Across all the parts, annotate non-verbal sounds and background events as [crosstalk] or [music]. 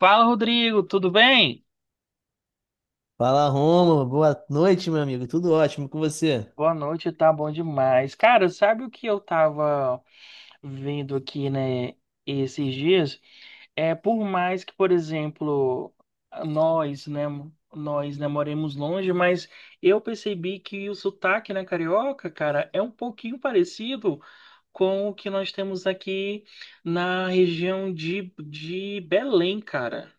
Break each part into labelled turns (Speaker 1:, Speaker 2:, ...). Speaker 1: Fala, Rodrigo, tudo bem?
Speaker 2: Fala, Rômulo. Boa noite, meu amigo. Tudo ótimo com você?
Speaker 1: Boa noite, tá bom demais. Cara, sabe o que eu tava vendo aqui, né, esses dias? É, por mais que, por exemplo, nós, né, nós, né, moremos longe, mas eu percebi que o sotaque, né, carioca, cara, é um pouquinho parecido com o que nós temos aqui na região de Belém, cara.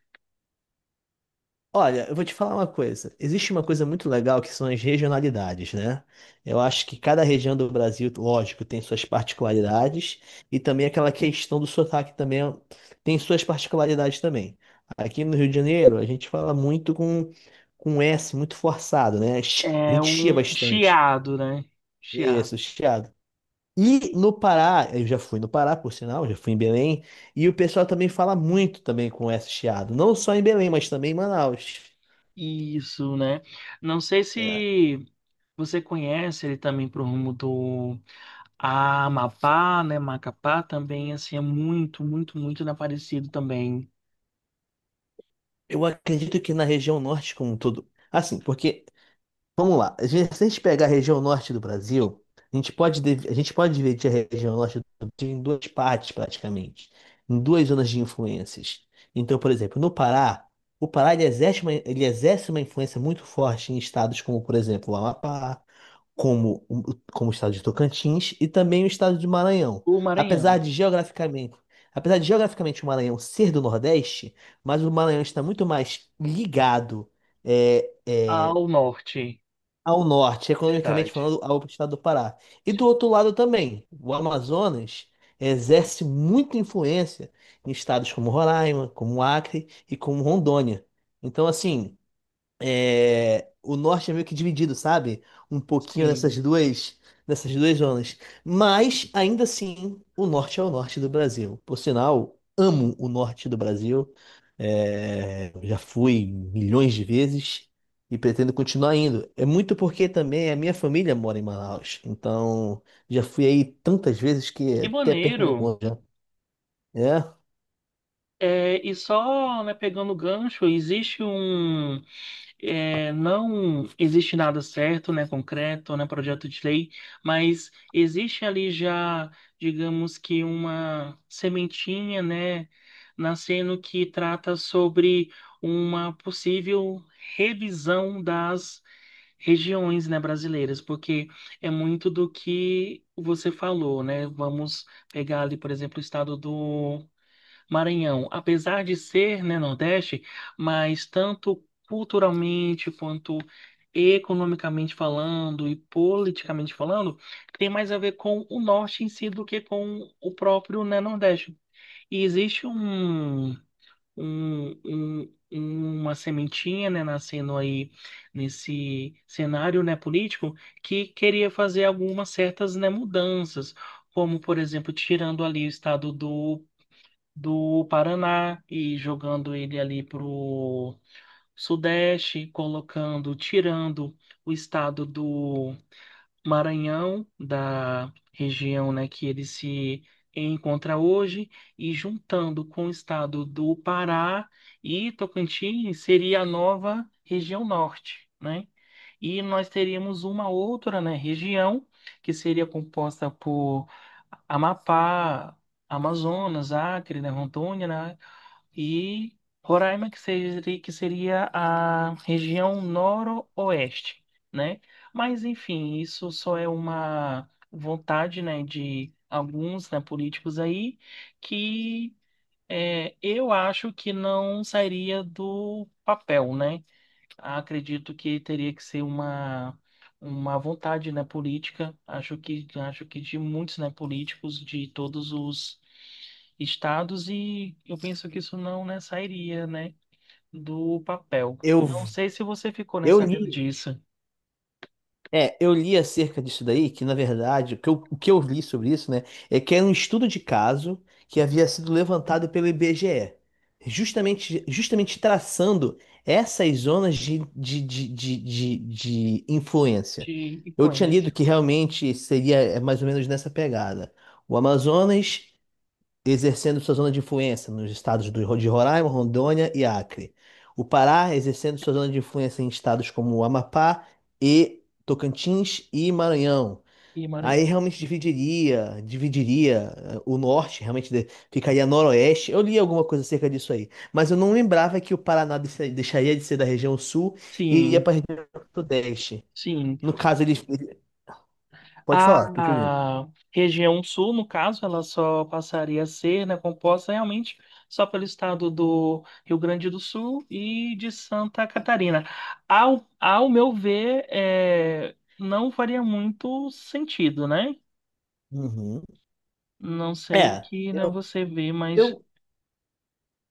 Speaker 2: Olha, eu vou te falar uma coisa. Existe uma coisa muito legal que são as regionalidades, né? Eu acho que cada região do Brasil, lógico, tem suas particularidades e também aquela questão do sotaque também tem suas particularidades também. Aqui no Rio de Janeiro, a gente fala muito com S muito forçado, né? [laughs] A
Speaker 1: É
Speaker 2: gente chia
Speaker 1: um
Speaker 2: bastante.
Speaker 1: chiado, né? Chiado.
Speaker 2: Isso, chiado. E no Pará, eu já fui no Pará, por sinal, já fui em Belém, e o pessoal também fala muito também com esse chiado, não só em Belém, mas também em Manaus.
Speaker 1: Isso, né? Não sei
Speaker 2: É,
Speaker 1: se você conhece ele também pro rumo do Amapá, né? Macapá também, assim, é muito, muito, muito né, parecido também.
Speaker 2: eu acredito que na região norte como um todo, assim, porque vamos lá. Se a gente pegar a região norte do Brasil, a gente pode dividir a região norte do Brasil em duas partes, praticamente, em duas zonas de influências. Então, por exemplo, no Pará, o Pará ele exerce uma influência muito forte em estados como, por exemplo, o Amapá, como o estado de Tocantins e também o estado de Maranhão.
Speaker 1: O
Speaker 2: Apesar
Speaker 1: Maranhão,
Speaker 2: de geograficamente, apesar de geograficamente o Maranhão ser do Nordeste, mas o Maranhão está muito mais ligado. É, é,
Speaker 1: ao norte,
Speaker 2: ao norte, economicamente
Speaker 1: verdade.
Speaker 2: falando, ao estado do Pará. E do outro lado também, o Amazonas exerce muita influência em estados como Roraima, como Acre e como Rondônia. Então, assim, é, o norte é meio que dividido, sabe? Um pouquinho nessas
Speaker 1: Sim.
Speaker 2: duas, nessas duas zonas. Mas, ainda assim, o norte é o norte do Brasil. Por sinal, amo o norte do Brasil. É, já fui milhões de vezes e pretendo continuar indo. É muito porque também a minha família mora em Manaus. Então, já fui aí tantas vezes que
Speaker 1: Que
Speaker 2: até perco
Speaker 1: maneiro!
Speaker 2: minha conta. Já. É,
Speaker 1: É, e só, né, pegando o gancho, não existe nada certo, né, concreto, né, projeto de lei, mas existe ali já, digamos que uma sementinha, né, nascendo que trata sobre uma possível revisão das regiões, né, brasileiras, porque é muito do que você falou, né? Vamos pegar ali, por exemplo, o estado do Maranhão, apesar de ser, né, Nordeste, mas tanto culturalmente quanto economicamente falando e politicamente falando, tem mais a ver com o Norte em si do que com o próprio, né, Nordeste. E existe um- um- uma sementinha, né, nascendo aí nesse cenário, né, político que queria fazer algumas certas, né, mudanças. Como, por exemplo, tirando ali o estado do Paraná e jogando ele ali pro Sudeste, colocando, tirando o estado do Maranhão, da região, né, que ele se encontra hoje, e juntando com o estado do Pará e Tocantins, seria a nova região norte, né? E nós teríamos uma outra, né, região que seria composta por Amapá, Amazonas, Acre, né, Rondônia, né? E Roraima, que seria a região noroeste, né? Mas, enfim, isso só é uma vontade, né, de alguns, né, políticos aí, que eu acho que não sairia do papel, né? Acredito que teria que ser uma vontade, né, política, acho que de muitos, né, políticos de todos os estados e eu penso que isso não, né, sairia, né, do papel.
Speaker 2: eu,
Speaker 1: Não sei se você ficou, né,
Speaker 2: eu
Speaker 1: sabendo
Speaker 2: li.
Speaker 1: disso,
Speaker 2: Eu li acerca disso daí, que na verdade, o que eu li sobre isso, né, é que era um estudo de caso que havia sido levantado pelo IBGE, justamente traçando essas zonas de influência.
Speaker 1: de
Speaker 2: Eu tinha lido
Speaker 1: influência
Speaker 2: que realmente seria mais ou menos nessa pegada. O Amazonas exercendo sua zona de influência nos estados de Roraima, Rondônia e Acre. O Pará exercendo sua zona de influência em estados como o Amapá e Tocantins e Maranhão.
Speaker 1: e
Speaker 2: Aí
Speaker 1: Maranhão.
Speaker 2: realmente dividiria o norte, ficaria noroeste. Eu li alguma coisa acerca disso aí, mas eu não lembrava que deixaria de ser da região sul e iria
Speaker 1: Sim,
Speaker 2: para a região sudeste.
Speaker 1: sim.
Speaker 2: No caso, pode falar, tô te ouvindo.
Speaker 1: A região sul, no caso, ela só passaria a ser, né, composta realmente só pelo estado do Rio Grande do Sul e de Santa Catarina. Ao meu ver, é, não faria muito sentido, né?
Speaker 2: Uhum.
Speaker 1: Não sei o
Speaker 2: É,
Speaker 1: que, né,
Speaker 2: eu,
Speaker 1: você vê, mas
Speaker 2: eu,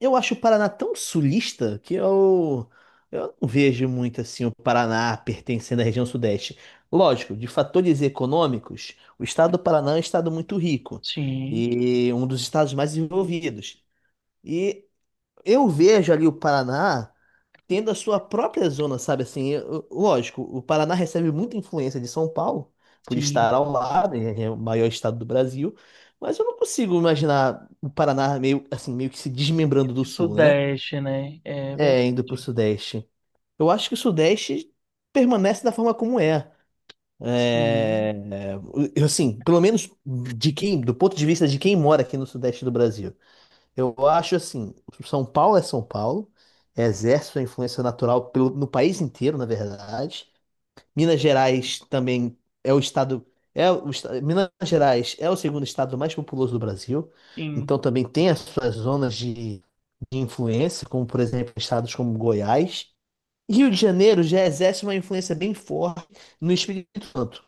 Speaker 2: eu acho o Paraná tão sulista que eu não vejo muito assim o Paraná pertencendo à região sudeste. Lógico, de fatores econômicos, o estado do Paraná é um estado muito rico
Speaker 1: sim,
Speaker 2: e um dos estados mais desenvolvidos. E eu vejo ali o Paraná tendo a sua própria zona, sabe assim? Lógico, o Paraná recebe muita influência de São Paulo, por estar
Speaker 1: sim.
Speaker 2: ao lado, é o maior estado do Brasil, mas eu não consigo imaginar o Paraná meio assim, meio que se
Speaker 1: E o
Speaker 2: desmembrando do
Speaker 1: que
Speaker 2: sul, né?
Speaker 1: Sudeste, né? É verdade.
Speaker 2: É, indo pro Sudeste. Eu acho que o Sudeste permanece da forma como é.
Speaker 1: Sim,
Speaker 2: É, assim, pelo menos de do ponto de vista de quem mora aqui no Sudeste do Brasil. Eu acho assim, São Paulo é São Paulo, exerce sua influência natural no país inteiro, na verdade. Minas Gerais também é o estado, é o, esta- Minas Gerais é o segundo estado mais populoso do Brasil, então
Speaker 1: sim.
Speaker 2: também tem as suas zonas de influência, como por exemplo estados como Goiás. Rio de Janeiro já exerce uma influência bem forte no Espírito Santo,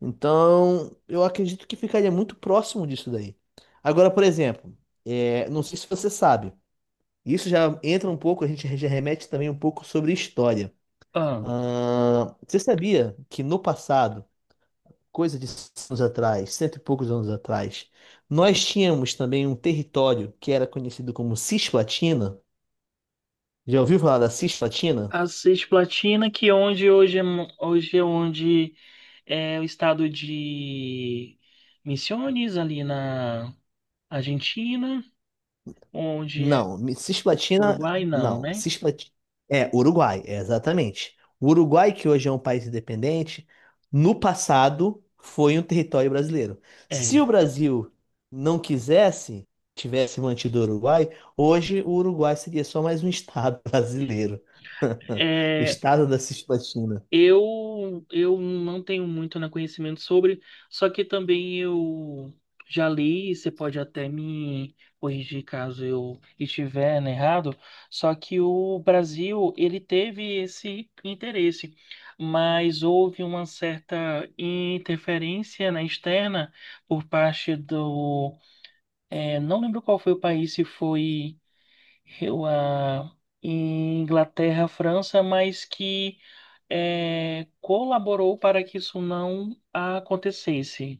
Speaker 2: então eu acredito que ficaria muito próximo disso daí. Agora, por exemplo, é, não sei se você sabe. Isso já entra um pouco, a gente já remete também um pouco sobre história.
Speaker 1: Ah,
Speaker 2: Ah, você sabia que no passado, coisa de 100 anos atrás, cento e poucos anos atrás, nós tínhamos também um território que era conhecido como Cisplatina? Já ouviu falar da Cisplatina?
Speaker 1: a Cisplatina, que onde hoje é onde é o estado de Misiones, ali na Argentina, onde é
Speaker 2: Não, me- Cisplatina,
Speaker 1: Uruguai, não,
Speaker 2: não,
Speaker 1: né?
Speaker 2: Cisplatina, é, Uruguai, é, exatamente. O Uruguai, que hoje é um país independente, no passado foi um território brasileiro. Se
Speaker 1: É.
Speaker 2: o Brasil não quisesse, tivesse mantido o Uruguai, hoje o Uruguai seria só mais um estado [laughs] brasileiro, [laughs] o
Speaker 1: É.
Speaker 2: estado da Cisplatina.
Speaker 1: Eu não tenho muito né, conhecimento sobre, só que também eu já li, e você pode até me corrigir caso eu estiver né, errado, só que o Brasil, ele teve esse interesse, mas houve uma certa interferência né, externa por parte do... não lembro qual foi o país, se foi a Inglaterra, França, mas que colaborou para que isso não acontecesse,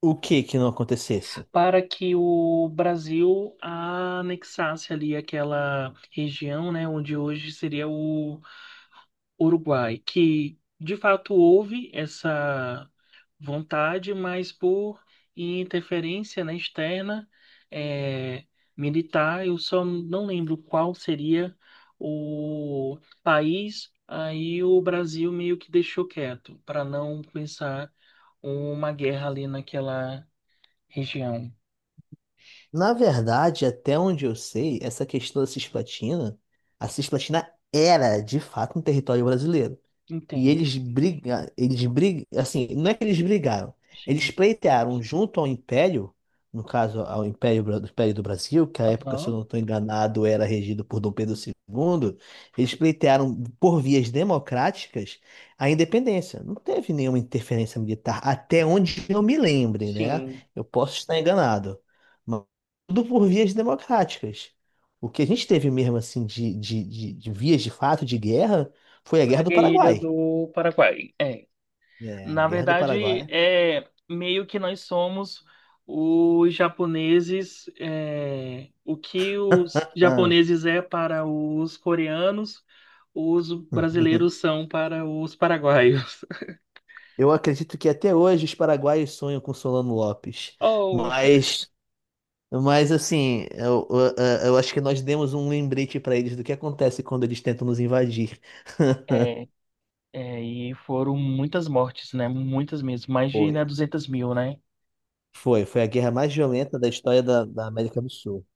Speaker 2: O que que não acontecesse?
Speaker 1: para que o Brasil anexasse ali aquela região, né, onde hoje seria o Uruguai, que de fato houve essa vontade, mas por interferência, né, externa, é, militar, eu só não lembro qual seria o país, aí o Brasil meio que deixou quieto, para não começar uma guerra ali naquela região.
Speaker 2: Na verdade, até onde eu sei, essa questão da Cisplatina, a Cisplatina era de fato um território brasileiro. E
Speaker 1: Entendo,
Speaker 2: eles brigaram, assim, não é que eles brigaram, eles
Speaker 1: sim.
Speaker 2: pleitearam junto ao Império, no caso ao Império, do Império do Brasil, que à época, se eu não
Speaker 1: Aham.
Speaker 2: estou enganado, era regido por Dom Pedro II, eles pleitearam por vias democráticas a independência. Não teve nenhuma interferência militar, até onde eu me lembre, né?
Speaker 1: Sim,
Speaker 2: Eu posso estar enganado, mas tudo por vias democráticas. O que a gente teve mesmo, assim, de vias de fato de guerra foi a
Speaker 1: foi
Speaker 2: Guerra
Speaker 1: a
Speaker 2: do
Speaker 1: guerrilha
Speaker 2: Paraguai.
Speaker 1: do Paraguai. É.
Speaker 2: É, a
Speaker 1: Na
Speaker 2: Guerra do
Speaker 1: verdade,
Speaker 2: Paraguai.
Speaker 1: é meio que nós somos os japoneses, o que os
Speaker 2: Ah,
Speaker 1: japoneses é para os coreanos, os brasileiros
Speaker 2: [laughs]
Speaker 1: são para os paraguaios. [laughs]
Speaker 2: eu acredito que até hoje os paraguaios sonham com Solano Lopes,
Speaker 1: Oh,
Speaker 2: mas, mas assim, eu acho que nós demos um lembrete para eles do que acontece quando eles tentam nos invadir. [laughs]
Speaker 1: é, é, e foram muitas mortes, né? Muitas mesmo, mais de, né,
Speaker 2: Foi.
Speaker 1: 200.000, né?
Speaker 2: Foi a guerra mais violenta da história da América do Sul.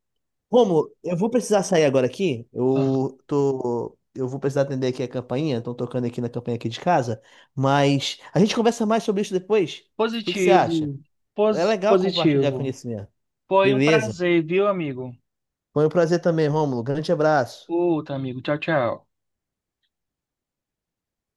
Speaker 2: Romulo, eu vou precisar sair agora aqui.
Speaker 1: Ah.
Speaker 2: Eu vou precisar atender aqui a campainha. Estão tocando aqui na campainha aqui de casa. Mas a gente conversa mais sobre isso depois. O que que você acha?
Speaker 1: Positivo,
Speaker 2: É legal compartilhar
Speaker 1: positivo.
Speaker 2: conhecimento.
Speaker 1: Foi um
Speaker 2: Beleza.
Speaker 1: prazer, viu, amigo?
Speaker 2: Foi um prazer também, Rômulo. Grande abraço.
Speaker 1: Outro amigo, tchau, tchau.